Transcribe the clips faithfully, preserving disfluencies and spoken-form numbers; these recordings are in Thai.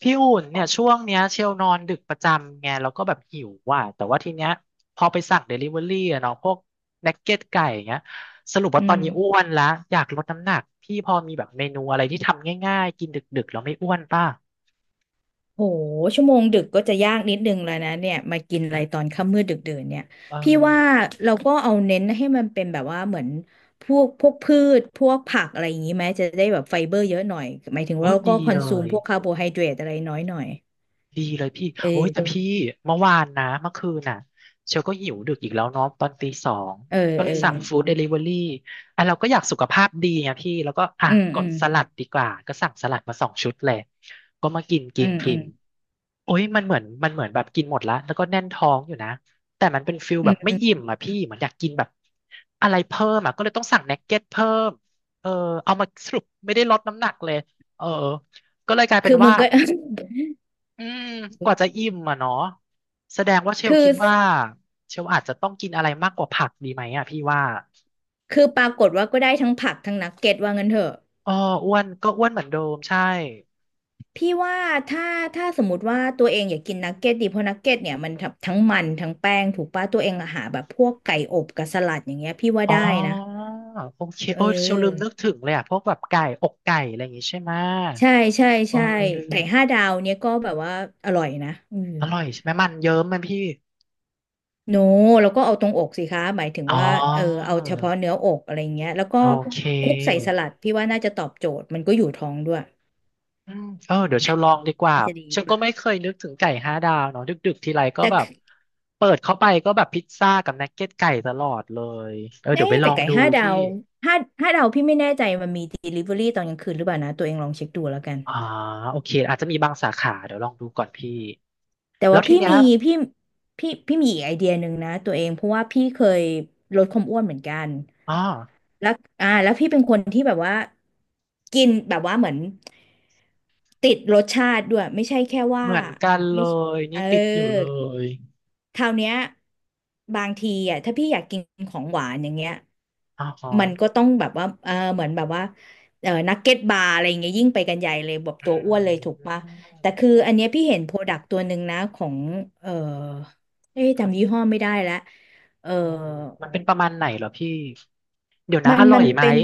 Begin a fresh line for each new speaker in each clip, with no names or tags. พี่อุ่นเนี่ยช่วงเนี้ยเชลนอนดึกประจำไงแล้วก็แบบหิวว่ะแต่ว่าทีเนี้ยพอไปสั่งเดลิเวอรี่อะเนาะพวกนักเก็ตไก่อย่างเงี้ยสรุป
อื
ว่าตอน
ม
นี้อ้วนละอยากลดน้ำหนักพี่พอมีแบบเมนูอะไรที่ทำง่ายๆกินดึกๆแล้วไม่อ้วนป่ะ
โหชั่วโมงดึกก็จะยากนิดนึงแล้วนะเนี่ยมากินอะไรตอนค่ำมืดดึกดื่นเนี่ย
เอ
พี่ว่า
อ
เราก็เอาเน้นให้มันเป็นแบบว่าเหมือนพวกพวกพืชพวกผักอะไรอย่างนี้ไหมจะได้แบบไฟเบอร์เยอะหน่อยหมายถึง
โอ้
ว่าเรา
ดี
ก็คอ
เล
นซูม
ย
พวกคาร์โบไฮเดรตอะไรน้อยหน่อย
ดีเลยพี่โอ้ยแต่
เออ
พี่เมื่อวานนะเมื่อคืนน่ะเชลก็หิวดึกอีกแล้วเนาะตอนตีสอง
เออ
ก็เล
เออ
ยสั่งฟู้ดเดลิเวอรี่อ่ะเราก็อยากสุขภาพดีไงพี่แล้วก็อ่ะ
อืม
ก
อื
ด
ม
สลัดดีกว่าก็สั่งสลัดมาสองชุดเลยก็มากินกิ
อื
น
ม
กิ
อืม
นโอ้ยมันเหมือนมันเหมือนแบบกินหมดละแล้วก็แน่นท้องอยู่นะแต่มันเป็นฟิล
อื
แบ
ม
บไม่
อื
อิ่ม
ม
อ่ะพี่เหมือนอยากกินแบบอะไรเพิ่มอ่ะก็เลยต้องสั่งเนกเก็ตเพิ่มเออเอามาสรุปไม่ได้ลดน้ำหนักเลยเออก็เลยกลายเป็
คื
น
อมึ
ว่า
งก็
อืมกว่าจะ อิ่มอ่ะเนาะแสดงว่าเชล
คือ
คิดว่าเชลอาจจะต้องกินอะไรมากกว่าผักดีไหมอ่ะพี่ว่า
คือปรากฏว่าก็ได้ทั้งผักทั้งนักเก็ตว่างั้นเถอะ
อ๋ออ้วนก็อ้วนเหมือนเดิมใช่
พี่ว่าถ้าถ้าสมมติว่าตัวเองอยากกินนักเก็ตดีเพราะนักเก็ตเนี่ยมันทั้งทั้งมันทั้งแป้งถูกป่ะตัวเองอะหาแบบพวกไก่อบกับสลัดอย่างเงี้ยพี่ว่า
อ๋อ
ได้นะ
โอเค
เ
โอ้ยเชลลืมนึ
ออ
กถึงเลยอ่ะพวกแบบไก่อกไก่อะไรอย่างงี้ใช่ไหม
ใช่ใช่
เออ
ใช่
ลืม
ไก่ห้าดาวเนี่ยก็แบบว่าอร่อยนะอืม
อร่อยใช่ไหมมันเยิ้มมันพี่
โนแล้วก็เอาตรงอกสิคะหมายถึง
อ๋
ว่าเออ
อ
เอาเฉพาะเนื้ออกอะไรเงี้ยแล้วก็
โอเค
คลุกใส่สลัดพี่ว่าน่าจะตอบโจทย์มันก็อยู่ท้องด้วย
อืมเออเดี๋ยวฉันลองดีกว่า
น่าจะดี
ฉันก็
ป่ะ
ไม่เคยนึกถึงไก่ห้าดาวเนาะดึกๆทีไรก็
แต่
แบบเปิดเข้าไปก็แบบพิซซ่ากับนักเก็ตไก่ตลอดเลยเออเดี๋ยว
เอ๊ะ
ไปล
แต่
อง
ไก่
ดู
ห้าดา
พี่
วห้าห้าดาวพี่ไม่แน่ใจมันมี delivery ตอนกลางคืนหรือเปล่านะตัวเองลองเช็คดูแล้วกัน
อ่าโอเคอาจจะมีบางสาขาเดี๋ยวลองดูก่อนพี่
แต่
แล้
ว่า
วที
พี่
เนี้ย
มีพี่พี่พี่มีอีกไอเดียหนึ่งนะตัวเองเพราะว่าพี่เคยลดความอ้วนเหมือนกัน
อ๋อ
แล้วอ่าแล้วพี่เป็นคนที่แบบว่ากินแบบว่าเหมือนติดรสชาติด้วยไม่ใช่แค่
เห
ว่า
มือนกันเล
ไม่
ย
เอ
นี่
อ
ติดอยู่เลย
คราวเนี้ยบางทีอ่ะถ้าพี่อยากกินของหวานอย่างเงี้ย
อ๋อ
มันก็ต้องแบบว่าเออเหมือนแบบว่าเออนักเก็ตบาร์อะไรอย่างเงี้ยยิ่งไปกันใหญ่เลยแบบ
อื
ตัวอ้วนเลยถูกปะ
ม
แต่คืออันเนี้ยพี่เห็นโปรดักต์ตัวหนึ่งนะของเออเอ๊ะจำยี่ห้อไม่ได้แล้วเออ
มมันเป็นประมาณไหนเหรอพี่เดี๋ยวนะ
มั
อ
น
ร่อ
มั
ย
น
ไหม
เป็น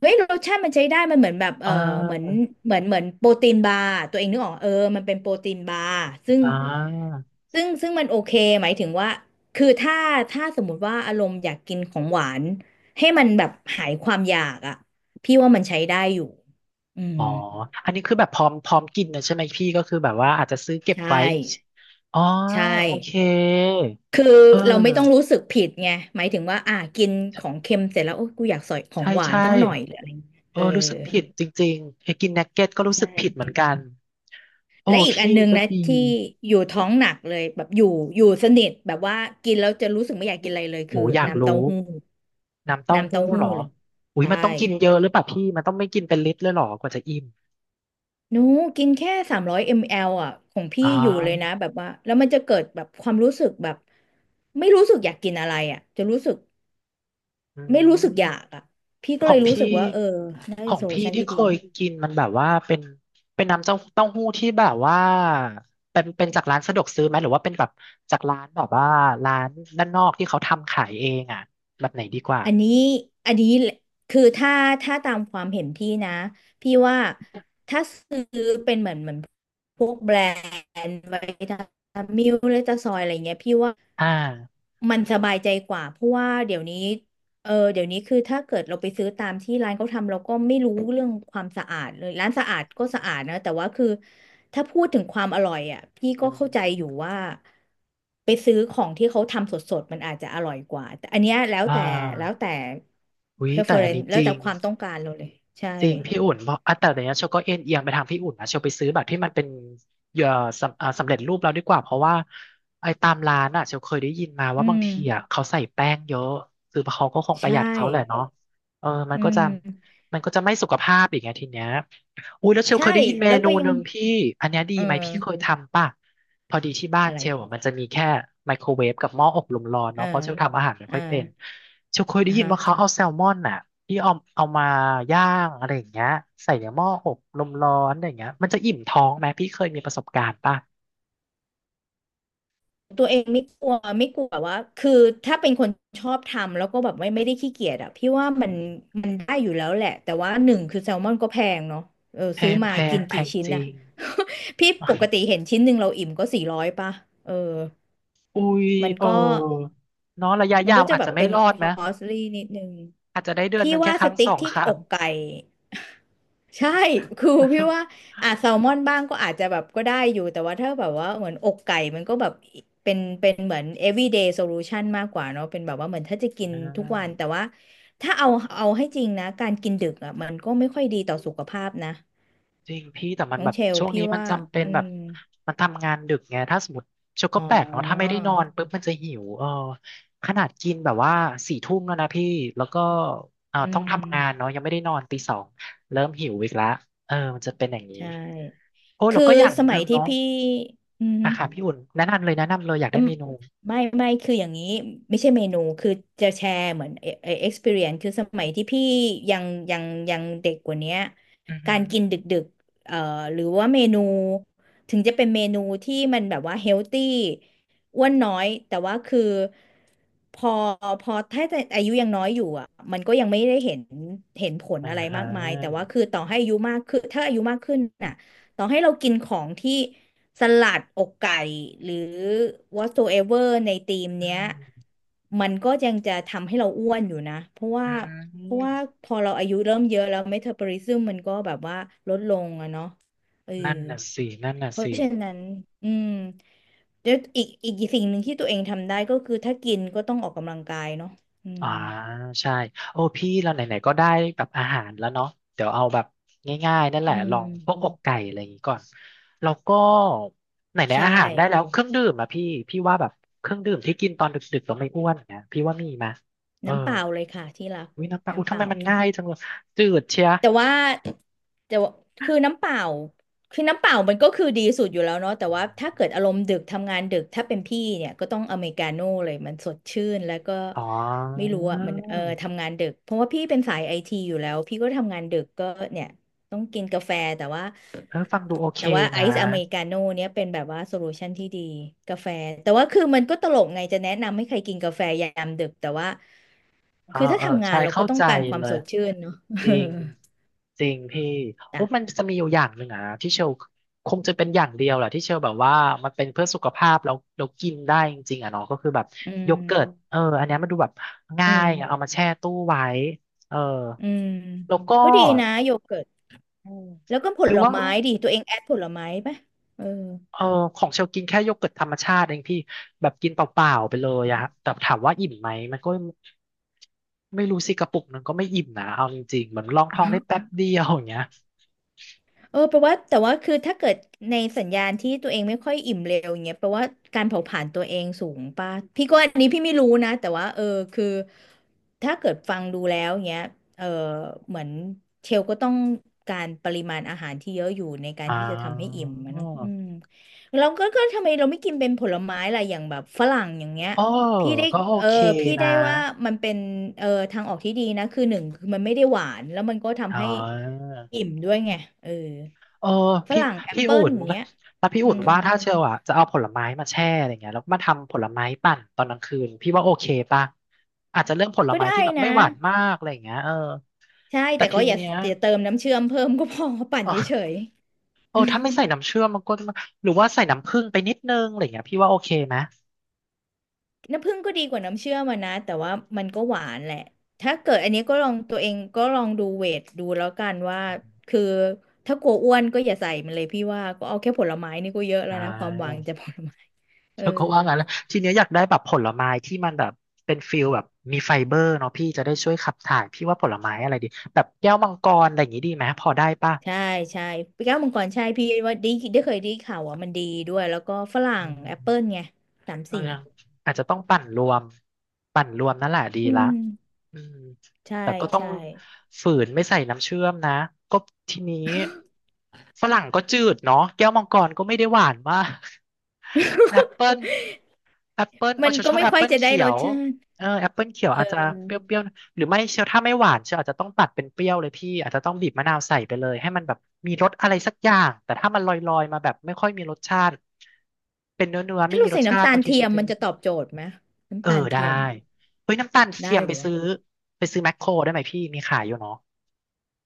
เฮ้ยรสชาติมันใช้ได้มันเหมือนแบบ
เ
เออเหมือน
ออ
เหมือนเหมือนโปรตีนบาร์ตัวเองนึกออกเออมันเป็นโปรตีนบาร์ซึ่ง
อ่า
ซึ่งซึ่งมันโอเคหมายถึงว่าคือถ้าถ้าสมมุติว่าอารมณ์อยากกินของหวานให้มันแบบหายความอยากอ่ะพี่ว่ามันใช้ได้อยู่อืม
อ๋ออันนี้คือแบบพร้อมพร้อมกินนะใช่ไหมพี่ก็คือแบบว่าอาจจะซื้อเก็
ใช
บไว้
่
อ๋อ
ใช่
โอเค
คือ
เอ
เรา
อ
ไม่ต้องรู้สึกผิดไงหมายถึงว่าอ่ะกินของเค็มเสร็จแล้วโอ้กูอยากใส่ของ
ใช่
หวาน
ใช่
สักหน่อยหรืออะไรอย่างเงี้ยเอ
เอ
อ
อรู้สึกผิดจริงๆไอ้กินนักเก็ตก็รู้
ใช
สึกผิดเหมื
่
อนกันโอ้
และอีกอั
พี่
นนึง
ก็
นะ
ดี
ที่อยู่ท้องหนักเลยแบบอยู่อยู่สนิทแบบว่ากินแล้วจะรู้สึกไม่อยากกินอะไรเลย
โห
คือ
อยาก
น้ำเต้า
รู้
หู้
น้ำเต้า
น้ำ
หู้
เต้าหู้
เหรอ
เลย
อุ้ย
ใช่
มันต้องกินเยอะหรือเปล่าพี่มันต้องไม่กินเป็นลิตรเลยเหรอกว่าจะอิ่ม
หนูกินแค่สามร้อยมลลิลิตรอ่ะของพี่
อ๋อ
อยู่เลยนะแบบว่าแล้วมันจะเกิดแบบความรู้สึกแบบไม่รู้สึกอยากกินอะไรอ่ะจะรู้สึก
อื
ไม่รู้สึกอยา
ม
กอ่ะพี่ก็
ข
เล
อง
ยรู้สึก
พี่
ว่าเออน่า
ข
เป็
อ
น
ง
โซลู
พี่
ชัน
ที่
ที่
เค
ดี
ยกินมันแบบว่าเป็นเป็นน้ำเต้าเต้าหู้ที่แบบว่าเป็นเป็นจากร้านสะดวกซื้อไหมหรือว่าเป็นแบบจากร้านแบบว่าร้านด้านนอกที่เขาทำขายเองอ่ะแบบไหนดีกว่า
อันนี้อันนี้คือถ้าถ้าตามความเห็นพี่นะพี่ว่าถ้าซื้อเป็นเหมือนเหมือนพวกแบรนด์ไวตามิลเลตาซอยอะไรเงี้ยพี่ว่า
อ่า
มันสบายใจกว่าเพราะว่าเดี๋ยวนี้ เออเดี๋ยวนี้คือถ้าเกิดเราไปซื้อตามที่ร้านเขาทำเราก็ไม่รู้เรื่องความสะอาดเลยร้านสะอาดก็สะอาดนะแต่ว่าคือถ้าพูดถึงความอร่อยอ่ะพี่ก็
อ
เข้าใจ
ม
อยู่ว่าไปซื้อของที่เขาทำสดๆมันอาจจะอร่อยกว่าแต่อันเนี้ยแล้ว
อ่
แต่แล้ว
า
แต่
อุ๊ยแต่อัน
preference
นี้
แล้
จ
ว
ริ
แต่
ง
ความต้องการเราเลยใช่
จริงพี่อุ่นเพราะอ่ะแต่เดี๋ยวนี้เชลก็เอ็นเอียงไปทางพี่อุ่นนะเชลไปซื้อแบบที่มันเป็นเอ่อสำอ่าสำเร็จรูปแล้วดีกว่าเพราะว่าไอ้ตามร้านอ่ะเชลเคยได้ยินมา
อื
ว่าบาง
ม
ทีอ่ะเขาใส่แป้งเยอะคือเขาก็คงป
ใช
ระหยัดเขาแหละ
่
เนาะเออมัน
อื
ก็จะ
ม
มันก็จะไม่สุขภาพอีกไงทีเนี้ยอุ้ยแล้วเชลเค
ใช่
ยได้ยินเม
แล้ว
นู
ก็ยั
ห
ง
นึ่งพี่อันเนี้ยดี
เออ
ไหมพี่เคยทำป่ะ พอดีที่บ้าน
อะไร
เชลอะมันจะมีแค่ไมโครเวฟกับหม้ออบลมร้อน
เอ
เนาะ
อ
เพราะเชลทำอาหารไม่
เอ
ค่
อ
อยเป็นเชลเคยได้
อ่า
ยิน
ฮะ
ว่าเขาเอาแซลมอนน่ะที่เอาเอามาย่างอะไรอย่างเงี้ยใส่ในหม้ออบลมร้อนอะไรอย่างเงี้ยมันจะอิ่มท้องไหมพี่เคยมีประสบการณ์ป่ะ
ตัวเองไม่กลัวไม่กลัวแบบว่าคือถ้าเป็นคนชอบทำแล้วก็แบบไม่ไม่ได้ขี้เกียจอ่ะพี่ว่ามันมันได้อยู่แล้วแหละแต่ว่าหนึ่งคือแซลมอนก็แพงเนาะเออ
แพ
ซื้อ
ง
มา
แพ
กิ
ง
น
แพ
กี่
ง
ชิ้น
จริ
น่ะ
ง
พี่ปกติ เห็นชิ้นหนึ่งเราอิ่มก็สี่ร้อยป่ะเออ
อุ้ย
มัน
เอ
ก็
อเนาะระยะ
มัน
ยาว
ก็จะ
อาจ
แบ
จะ
บ
ไม่
เป็น
รอด
ค
ไหม
อสลี่นิดนึง
อาจจะได้เดือน
พี่
หนึ่งแค่
ว่า
ค
ส
รั้ง
ติ๊
ส
ก
อง
ที่
ค
อ
รั้ง
กไก่ ใช่ คือพี่ว่า อ่ะแซลมอนบ้างก็อาจจะแบบก็ได้อยู่ แต่ว่าถ้าแบบว่าเหมือนอกไก่ มันก็แบบเป็นเป็นเหมือน everyday solution มากกว่าเนาะเป็นแบบว่าเหมือนถ้าจะกิน
อ่
ทุกวัน แต่
า
ว่าถ้าเอาเอาให้จริงนะ การกินดึกอ่ะมันก็ไม่ค่อยดีต่อสุขภาพนะ
จริงพี่แต่มัน
น้อ
แบ
ง
บ
เชล
ช่วง
พี่
นี้มัน
ว่า
จำเป็น
อื
แบบ
ม
มันทำงานดึกไงถ้าสมมติชก
อ๋
ก็
อ
แปลกเนาะถ้าไม่ได้นอนปุ๊บมันจะหิวเออขนาดกินแบบว่าสี่ทุ่มแล้วนะพี่แล้วก็เอ่อ
อื
ต้องทำงาน
ม
เนาะยังไม่ได้นอนตีสองเริ่มหิวอีกแล้วเออมันจะเป็นอย่างนี้
ใช่
โอ้แล้
คื
ว
อ
ก็อย่าง
ส
ห
มั
นึ่
ย
ง
ที่
เนาะ
พี่อืม
อะค่ะพี่อุ่นแนะนำเลยแนะนำเลยอยาก
อื
ได้
ม
เมนู
ไม่ไม่คืออย่างนี้ไม่ใช่เมนูคือจะแชร์เหมือนเอเออ experience คือสมัยที่พี่ยังยังยังเด็กกว่าเนี้ย
อือ
กา
หื
ร
อ
กินดึกดึกเอ่อหรือว่าเมนูถึงจะเป็นเมนูที่มันแบบว่าเฮลตี้อ้วนน้อยแต่ว่าคือพอพอถ้าจะอายุยังน้อยอยู่อ่ะมันก็ยังไม่ได้เห็นเห็นผล
อ่า
อะไร
ฮะ
มากมายแต่ว่าคือต่อให้อายุมากขึ้นถ้าอายุมากขึ้นอ่ะ ต่อให้เรากินของที่สลัดอกไก่หรือ whatsoever ในธีม
อื
เนี้ย
ม
มันก็ยังจะทำให้เราอ้วนอยู่นะเพราะ
อื
ว่าเพราะว่า
ม
พอเราอายุเริ่มเยอะแล้วเมตาบอลิซึมมันก็แบบว่าลดลงอะเนาะเออ
นั่นน่ะสินั่นน่ะ
เพราะ
สิ
ฉะนั้นอืมแล้วอีกอีกสิ่งหนึ่งที่ตัวเองทำได้ก็คือถ้ากินก็ต้องออกกำลังกายเนาะอื
อ่า
ม
ใช่โอ้พี่เราไหนๆก็ได้แบบอาหารแล้วเนาะเดี๋ยวเอาแบบง่ายๆนั่นแห
อื
ละล
ม
องพวกอกไก่อะไรอย่างงี้ก่อนแล้วก็ไหน
ใช่
ๆอาหารได้แล้วเครื่องดื่มอะพี่พี่ว่าแบบเครื่องดื่มที่กินตอนดึกๆต้องไม่อ้วนนะพี่ว่ามีมาเออ
น้ำเปล่าเลยค่ะที่รัก
วิน้ำปลาอุ้ย
น้ำเป
ทำไม
ล่า
มันง่ายจังเลยจืดเชีย
แต่ว่าแต่ว่าคือน้ำเปล่าคือน้ำเปล่ามันก็คือดีสุดอยู่แล้วเนาะแต่ว่าถ้าเกิดอารมณ์ดึกทำงานดึกถ้าเป็นพี่เนี่ยก็ต้องอเมริกาโน่เลยมันสดชื่นแล้วก็
อ๋อ
ไม่รู้อ่ะมันเออทำงานดึกเพราะว่าพี่เป็นสายไอทีอยู่แล้วพี่ก็ทำงานดึกก็เนี่ยต้องกินกาแฟแต่ว่า
เออฟังดูโอเค
แต่ว่าไอ
นะ
ซ์อเมริกาโน่เนี่ยเป็นแบบว่าโซลูชันที่ดีกาแฟแต่ว่าคือมันก็ตลกไงจะแนะนำให้ใครกินกาแฟยามดึกแต่ว่า
เออ
คือถ้า
เออ
ทำงา
ใช่
นเราก็
เข้า
ต้อง
ใจ
การควา
เล
ม
ย
สดชื่นเนาะ
จริงจริงพี่ โอ้มัน
จ้ะ
จะมีอยู่อย่างหนึ่งอ่ะที่เชลคงจะเป็นอย่างเดียวแหละที่เชลแบบว่ามันเป็นเพื่อสุขภาพแล้วเรากินได้จริงๆอ่ะเนาะก็คือแบบ
อื
โย
ม
เกิร์ตเอออันเนี้ยมันดูแบบ
อื
ง่าย
ม
อะเอามาแช่ตู้ไว้เออ
อืม
แล้วก็
ก็ดีนะโยเกิร์ต
อืม
แล้วก็ผ
หรือ
ล
ว่า
ไม้ดิตัวเองแอดผลไม้ปะเออ
เออของเชลกินแค่โยเกิร์ตธรรมชาติเองพี่แบบกินเปล่าๆไปเลยอะฮะแต่ถามว่าอิ่มไหมมันก็ไม่รู้สิกระปุกนึงก็ไม่อิ่มนะเอาจริงๆเหมือนลองท้องได้แป๊บเดียวอย่างเงี้ย
เออแปลว่าแต่ว่าคือถ้าเกิดในสัญญาณที่ตัวเองไม่ค่อยอิ่มเร็วอย่างเงี้ยแปลว่าการเผาผลาญตัวเองสูงป่ะพี่ก็อันนี้พี่ไม่รู้นะแต่ว่าเออคือถ้าเกิดฟังดูแล้วเงี้ยเออเหมือนเชลก็ต้องการปริมาณอาหารที่เยอะอยู่ในการ
อ่
ที่จะทำให้
า
อิ่มอะเนาะอืมเราก็ก็ทำไมเราไม่กินเป็นผลไม้ล่ะอย่างแบบฝรั่งอย่างเงี้ย
เออ
พี่ได้
ก็โอ
เออ
เค
พี่
นะ
ได้ว่ามันเป็นเออทางออกที่ดีนะคือหนึ่งคือมันไม่ได้หวานแล้วมันก็
อ๋
ทำให้
อ
อิ่มด้วยไงเออ
เออ
ฝ
พี่
รั่งแอป
พี่
เปิ
อุ่
ล
น
อย่างเงี้ย
แล้วพี่
อื
อุ่น
ม
ว่าถ้าเชลอะจะเอาผลไม้มาแช่อะไรเงี้ยแล้วมาทำผลไม้ปั่นตอนกลางคืนพี่ว่าโอเคป่ะอาจจะเลือกผล
ก็
ไม้
ได้
ที่แบบ
นะ
ไม่หวานมากอะไรเงี้ยเออ
ใช่
แต่
แต่ก็
ที
อย่า
เนี้ย
อย่าเติมน้ำเชื่อมเพิ่มก็พอ ปั่นเฉย
โอ้
ๆ
ถ้าไม่ใส่น้ำเชื่อมมันก็จะหรือว่าใส่น้ำผึ้งไปนิดนึงอะไรอย่างเงี้ยพี่ว่าโอเคไหม
น้ำผึ้งก็ดีกว่าน้ำเชื่อมอะนะแต่ว่ามันก็หวานแหละถ้าเกิดอันนี้ก็ลองตัวเองก็ลองดูเวทดูแล้วกันว่าคือถ้ากลัวอ้วนก็อย่าใส่มันเลยพี่ว่าก็เอาแค่ผลไม้นี่ก็เยอะแล้ว
อ่า
นะความหวังจากผลไม้ เอ
เธ
อ
อก็ว่างั้นแล้วทีเนี้ยอยากได้แบบผลไม้ที่มันแบบเป็นฟิลแบบมีไฟเบอร์เนาะพี่จะได้ช่วยขับถ่ายพี่ว่าผลไม้อะไรดีแบบแก้วมังกรอะไรอย่างงี้ดีไหมพอได้ป่ะ
ใช่ใช่ปีเก้ามังกรใช่พี่ว่าดีได้เคยได้ข่าวว่ามันดีด้วยแล้วก็ฝรั่งแอปเปิลไงสาม
เออ
สิ่ง
ยังอาจจะต้องปั่นรวมปั่นรวมนั่นแหละดี
อื
ละ
ม
อืม
ใช่
แต่ก็ต้อง
ใช่
ฝืนไม่ใส่น้ำเชื่อมนะก็ทีนี้ฝรั่งก็จืดเนาะแก้วมังกรก็ไม่ได้หวานมากแอปเปิลแอปเปิลเอา
มัน
ชอบ
ก็
ชอบ
ไม่
แอป
ค่อย
เปิล
จะได้
เขี
ร
ย
ส
ว
ชาติ
เออแอปเปิลเขียว
เอ
อาจจะ
อ
เปรี้ยวๆหรือไม่เชียวถ้าไม่หวานเชียวอาจจะต้องตัดเป็นเปรี้ยวเลยพี่อาจจะต้องบีบมะนาวใส่ไปเลยให้มันแบบมีรสอะไรสักอย่างแต่ถ้ามันลอยๆมาแบบไม่ค่อยมีรสชาติเป็นเนื้อๆไม่
ถ้า
มี
เรา
ร
ใส่
สชา
น้ำ
ติ
ตา
บา
ล
งที
เที
เชีย
ย
ว
มมันจะตอบโจทย์ไหม
เอ
น้ำ
อ
ตาล
ได้
เทียมอ่ะ
เฮ้ยน้ำตาลเที
ได้
ยม
เห
ไป
รือ
ซื้อไปซื้อแมคโครได้ไหมพี่มีขายอยู่เนาะ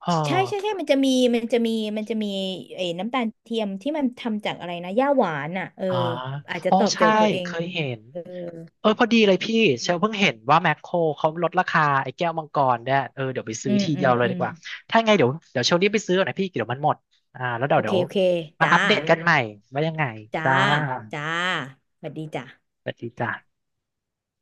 เออ
ใช่ใช่ใช่มันจะมีมันจะมีมันจะมีไอ้น้ำตาลเทียมที่มันทำจากอะไรนะหญ้าหวานอ่ะเออ
อ๋อ
อาจจะ
อ๋อ
ตอบโจ
ใช่
ทย์ตัวเอง
เค
นะ
ยเห็นเออพอดีเลยพี่เชลเพิ่ง
อ
เห็นว่าแมคโครเขาลดราคาไอ้แก้วมังกรเนี่ยเออเดี๋ยวไปซื้
ื
อ
ม
ที
อื
เดียว
ม
เลย
อื
ดี
ม
กว่าถ้าไงเดี๋ยวเดี๋ยวเชลรีบไปซื้อก่อนนะพี่เดี๋ยวมันหมดอ่าแล้วเดี๋ย
โอ
ว
เค
เดี๋ยว
โอเค
มา
จ้า
อัปเดตกันใหม่ว่ายังไง
จ้า
จ้า
จ้าสวัสดีจ้ะ
สวัสดีจ้า